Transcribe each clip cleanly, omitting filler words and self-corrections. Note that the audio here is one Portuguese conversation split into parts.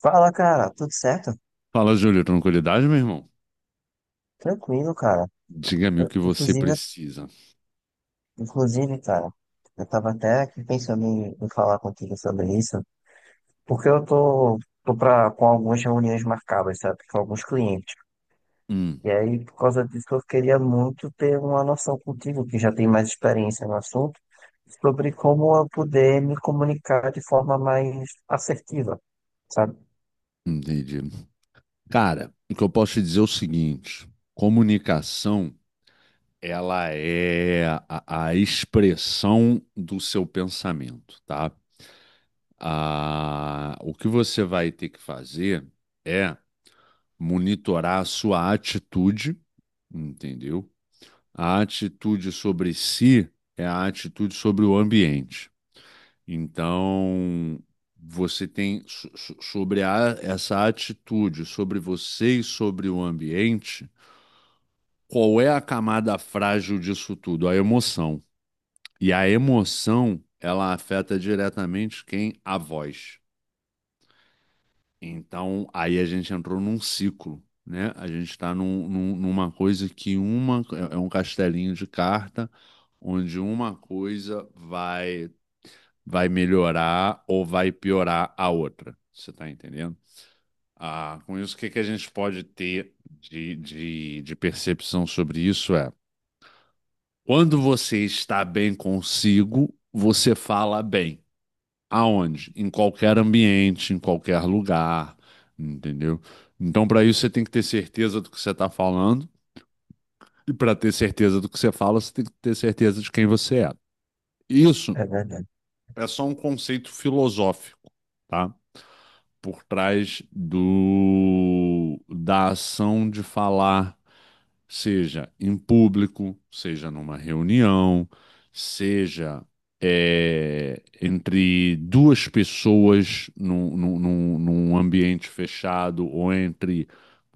Fala, cara, tudo certo? Fala, Júlio, tranquilidade, meu irmão? Tranquilo, cara. Diga-me o Eu- que você inclusive, precisa. inclusive, cara, eu tava até aqui pensando em falar contigo sobre isso, porque eu tô com algumas reuniões marcadas, sabe, com alguns clientes. Hum, E aí, por causa disso, eu queria muito ter uma noção contigo, que já tem mais experiência no assunto, sobre como eu poder me comunicar de forma mais assertiva, sabe? entendi. Cara, o que eu posso te dizer é o seguinte: comunicação, ela é a expressão do seu pensamento, tá? Ah, o que você vai ter que fazer é monitorar a sua atitude, entendeu? A atitude sobre si é a atitude sobre o ambiente. Então, você tem essa atitude, sobre você e sobre o ambiente, qual é a camada frágil disso tudo? A emoção. E a emoção, ela afeta diretamente quem? A voz. Então, aí a gente entrou num ciclo, né? A gente está numa coisa que uma é um castelinho de carta, onde uma coisa vai melhorar ou vai piorar a outra. Você está entendendo? Ah, com isso, o que que a gente pode ter de percepção sobre isso é quando você está bem consigo, você fala bem. Aonde? Em qualquer ambiente, em qualquer lugar, entendeu? Então, para isso, você tem que ter certeza do que você está falando, e para ter certeza do que você fala, você tem que ter certeza de quem você é. Isso É verdade. é só um conceito filosófico, tá? Por trás do da ação de falar, seja em público, seja numa reunião, seja entre duas pessoas num ambiente fechado ou entre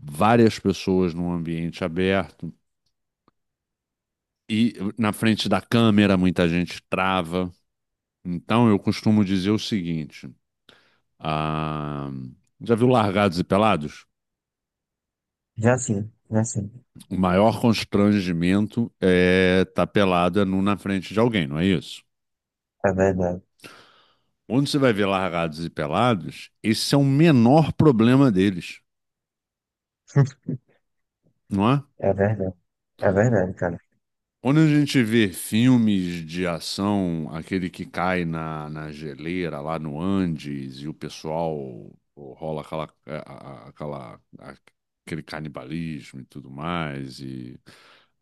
várias pessoas num ambiente aberto. E na frente da câmera muita gente trava. Então eu costumo dizer o seguinte: ah, já viu Largados e Pelados? Já sim, O maior constrangimento é estar pelado é nu na frente de alguém, não é isso? é verdade. Quando você vai ver Largados e Pelados, esse é o menor problema deles, não é? É verdade. É verdade, cara. Quando a gente vê filmes de ação, aquele que cai na geleira lá no Andes e o pessoal pô, rola aquela, aquele canibalismo e tudo mais, e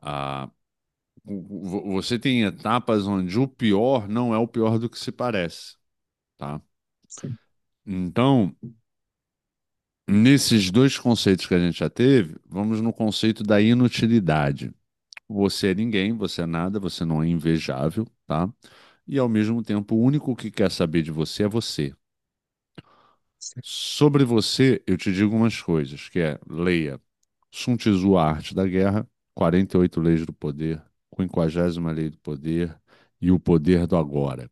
a, você tem etapas onde o pior não é o pior do que se parece. Tá? Sim, Então, nesses dois conceitos que a gente já teve, vamos no conceito da inutilidade. Você é ninguém, você é nada, você não é invejável, tá? E ao mesmo tempo, o único que quer saber de você é você. sim. Sobre você, eu te digo umas coisas, que é, leia Sun Tzu, A Arte da Guerra, 48 Leis do Poder, 50 Lei do Poder e O Poder do Agora.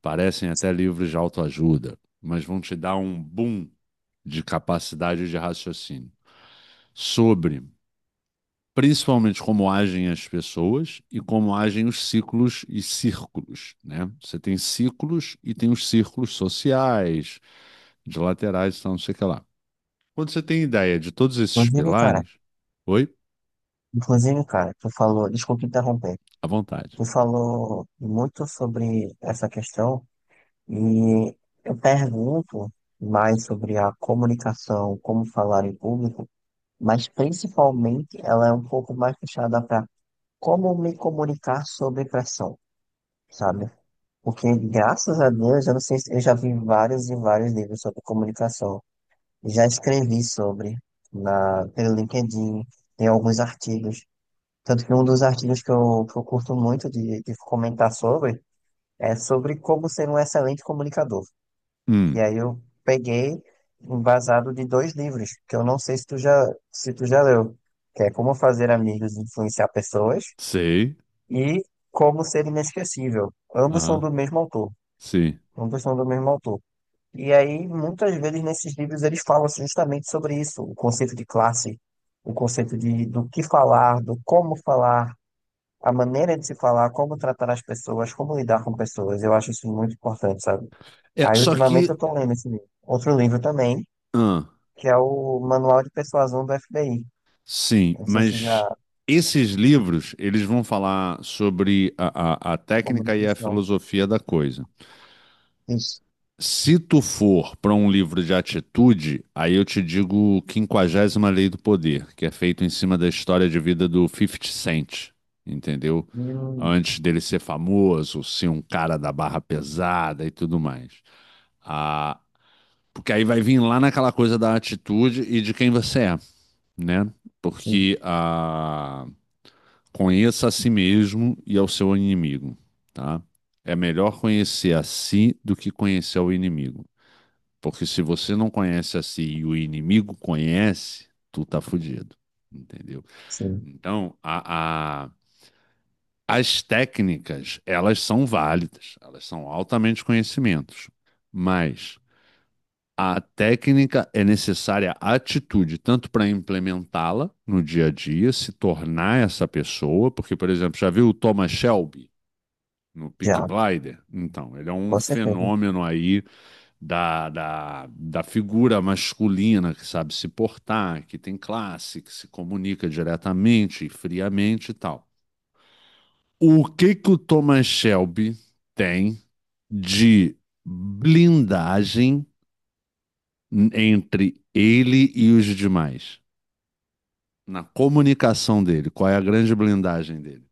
Parecem até livros de autoajuda, mas vão te dar um boom de capacidade de raciocínio sobre principalmente como agem as pessoas e como agem os ciclos e círculos, né? Você tem ciclos e tem os círculos sociais, de laterais, tal, não sei o que lá. Quando você tem ideia de todos esses Inclusive, cara, pilares, oi, inclusive, cara, tu falou, desculpa interromper, à vontade. tu falou muito sobre essa questão e eu pergunto mais sobre a comunicação, como falar em público, mas principalmente ela é um pouco mais fechada para como me comunicar sobre pressão. Sabe? Porque, graças a Deus, eu não sei, eu já vi vários e vários livros sobre comunicação. Já escrevi sobre na, pelo LinkedIn, tem alguns artigos. Tanto que um dos artigos que eu curto muito de comentar sobre é sobre como ser um excelente comunicador. Hum, E aí eu peguei embasado de dois livros, que eu não sei se tu já leu, que é Como Fazer Amigos e Influenciar Pessoas sei. e Como Ser Inesquecível. Ambos são Aham, do mesmo autor. sim. Ambos são do mesmo autor. E aí, muitas vezes nesses livros eles falam justamente sobre isso, o conceito de classe, o conceito de do que falar, do como falar, a maneira de se falar, como tratar as pessoas, como lidar com pessoas. Eu acho isso muito importante, sabe? É, Aí, só ultimamente, que, eu tô lendo esse livro. Outro livro também, ah. que é o Manual de Persuasão do FBI. Sim, Eu não sei se mas já esses livros, eles vão falar sobre a técnica e a comunicação. filosofia da coisa. Isso. Se tu for para um livro de atitude, aí eu te digo Quinquagésima Lei do Poder, que é feito em cima da história de vida do fifty Cent, entendeu? Hum, Antes dele ser famoso, ser um cara da barra pesada e tudo mais. Ah, porque aí vai vir lá naquela coisa da atitude e de quem você é, né? sim, Porque a Conheça a si mesmo e ao seu inimigo, tá? É melhor conhecer a si do que conhecer o inimigo. Porque se você não conhece a si e o inimigo conhece, tu tá fudido, entendeu? sim. Então, as técnicas, elas são válidas, elas são altamente conhecimentos, mas a técnica é necessária atitude, tanto para implementá-la no dia a dia, se tornar essa pessoa, porque, por exemplo, já viu o Thomas Shelby? No Peaky Já, Blinder? Então, ele é um com certeza. fenômeno aí da figura masculina que sabe se portar, que tem classe, que se comunica diretamente e friamente e tal. O que que o Thomas Shelby tem de blindagem entre ele e os demais? Na comunicação dele, qual é a grande blindagem dele?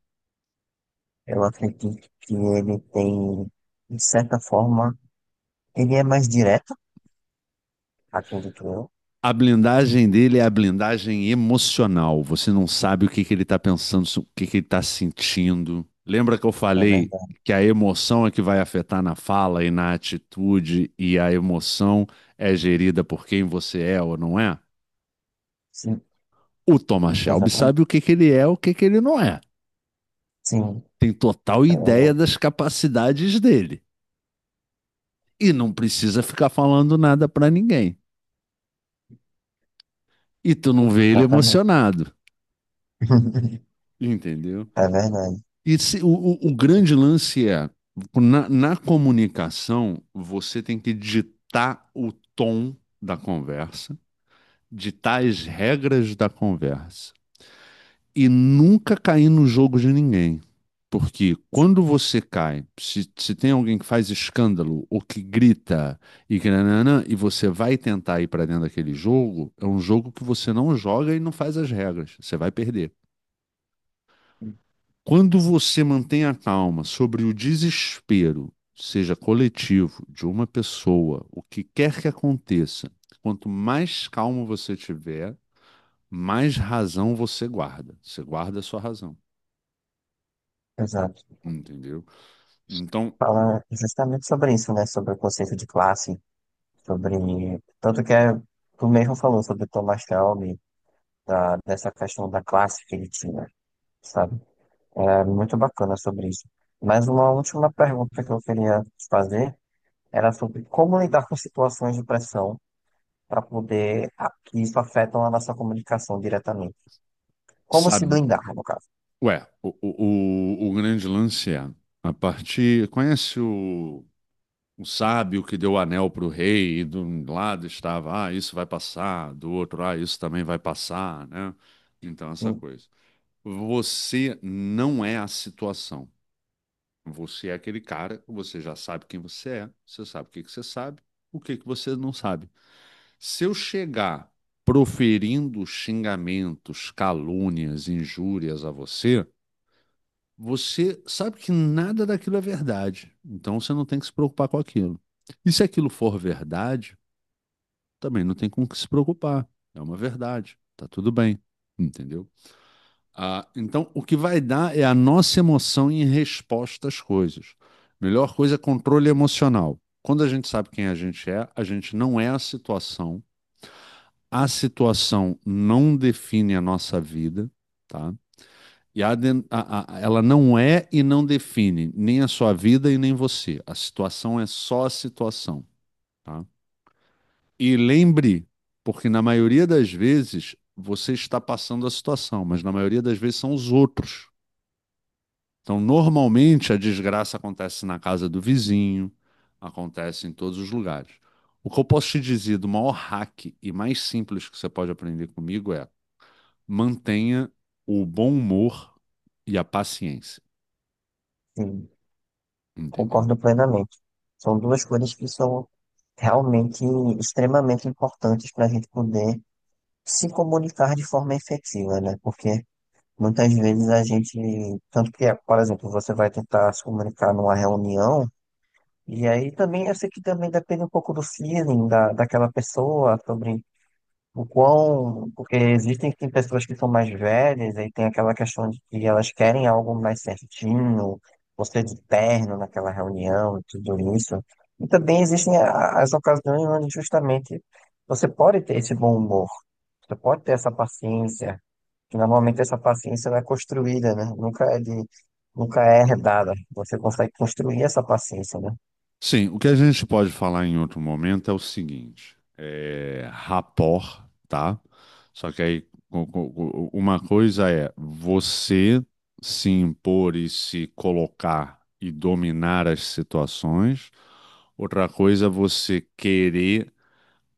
Eu acredito que ele tem de certa forma, ele é mais direto, acredito eu, A blindagem dele é a blindagem emocional. Você não sabe o que que ele está pensando, o que que ele está sentindo. Lembra que eu é falei verdade. que a emoção é que vai afetar na fala e na atitude, e a emoção é gerida por quem você é ou não é? Sim, O Thomas Shelby exatamente. sabe o que que ele é, o que que ele não é. Sim, Tem total ideia eu- das capacidades dele e não precisa ficar falando nada para ninguém. E tu não vê ele exatamente. emocionado, entendeu? É verdade. O grande lance é, na comunicação, você tem que ditar o tom da conversa, ditar as regras da conversa e nunca cair no jogo de ninguém. Porque quando você cai, se tem alguém que faz escândalo ou que grita e que nananã, e você vai tentar ir para dentro daquele jogo, é um jogo que você não joga e não faz as regras. Você vai perder. Quando você mantém a calma sobre o desespero, seja coletivo, de uma pessoa, o que quer que aconteça, quanto mais calmo você tiver, mais razão você guarda. Você guarda a sua razão, Exato. entendeu? Então, Fala justamente sobre isso, né? Sobre o conceito de classe, sobre. Tanto que é, tu mesmo falou sobre o Thomas Shelby, dessa questão da classe que ele tinha, sabe? É muito bacana sobre isso. Mas uma última pergunta que eu queria te fazer era sobre como lidar com situações de pressão para poder que isso afeta a nossa comunicação diretamente. Como se sabe, blindar, no caso. ué, o grande lance é a partir. Conhece o sábio que deu o anel para o rei, e de um lado estava, ah, isso vai passar, do outro, ah, isso também vai passar, né? Então, essa Sim, coisa. Você não é a situação. Você é aquele cara, você já sabe quem você é, você sabe o que que você sabe, o que que você não sabe. Se eu chegar proferindo xingamentos, calúnias, injúrias a você, você sabe que nada daquilo é verdade. Então você não tem que se preocupar com aquilo. E se aquilo for verdade, também não tem com o que se preocupar. É uma verdade. Tá tudo bem. Entendeu? Ah, então, o que vai dar é a nossa emoção em resposta às coisas. Melhor coisa é controle emocional. Quando a gente sabe quem a gente é, a gente não é a situação. A situação não define a nossa vida, tá? E a den- a- ela não é e não define nem a sua vida e nem você. A situação é só a situação, tá? E lembre, porque na maioria das vezes você está passando a situação, mas na maioria das vezes são os outros. Então, normalmente a desgraça acontece na casa do vizinho, acontece em todos os lugares. O que eu posso te dizer do maior hack e mais simples que você pode aprender comigo é mantenha o bom humor e a paciência, sim, entendeu? concordo plenamente. São duas coisas que são realmente extremamente importantes para a gente poder se comunicar de forma efetiva, né? Porque muitas vezes a gente, tanto que, por exemplo, você vai tentar se comunicar numa reunião, e aí também eu sei que também depende um pouco do feeling daquela pessoa sobre o quão, porque existem tem pessoas que são mais velhas, aí tem aquela questão de que elas querem algo mais certinho, você de terno naquela reunião e tudo isso. E também existem as ocasiões onde justamente você pode ter esse bom humor, você pode ter essa paciência, que normalmente essa paciência ela é construída, né? Nunca é herdada. Você consegue construir essa paciência, né? Sim, o que a gente pode falar em outro momento é o seguinte, é rapport, tá? Só que aí uma coisa é você se impor e se colocar e dominar as situações, outra coisa é você querer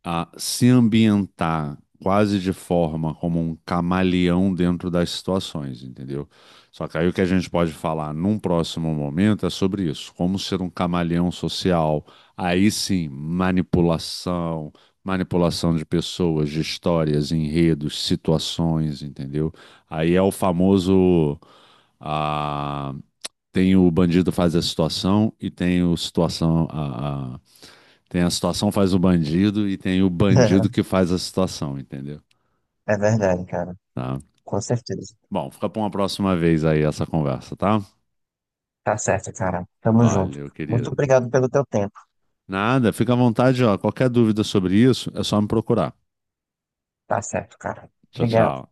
a se ambientar quase de forma como um camaleão dentro das situações, entendeu? Só que aí o que a gente pode falar num próximo momento é sobre isso, como ser um camaleão social. Aí sim, manipulação de pessoas, de histórias, enredos, situações, entendeu? Aí é o famoso. Ah, tem o bandido faz a situação e tem o situação tem a situação faz o bandido e tem o bandido que faz a situação, entendeu? É verdade, cara. Tá. Com certeza. Bom, fica para uma próxima vez aí essa conversa, tá? Tá certo, cara. Tamo junto. Valeu, Muito querido. obrigado pelo teu tempo. Nada, fica à vontade, ó. Qualquer dúvida sobre isso, é só me procurar. Tá certo, cara. Tchau, Obrigado. tchau.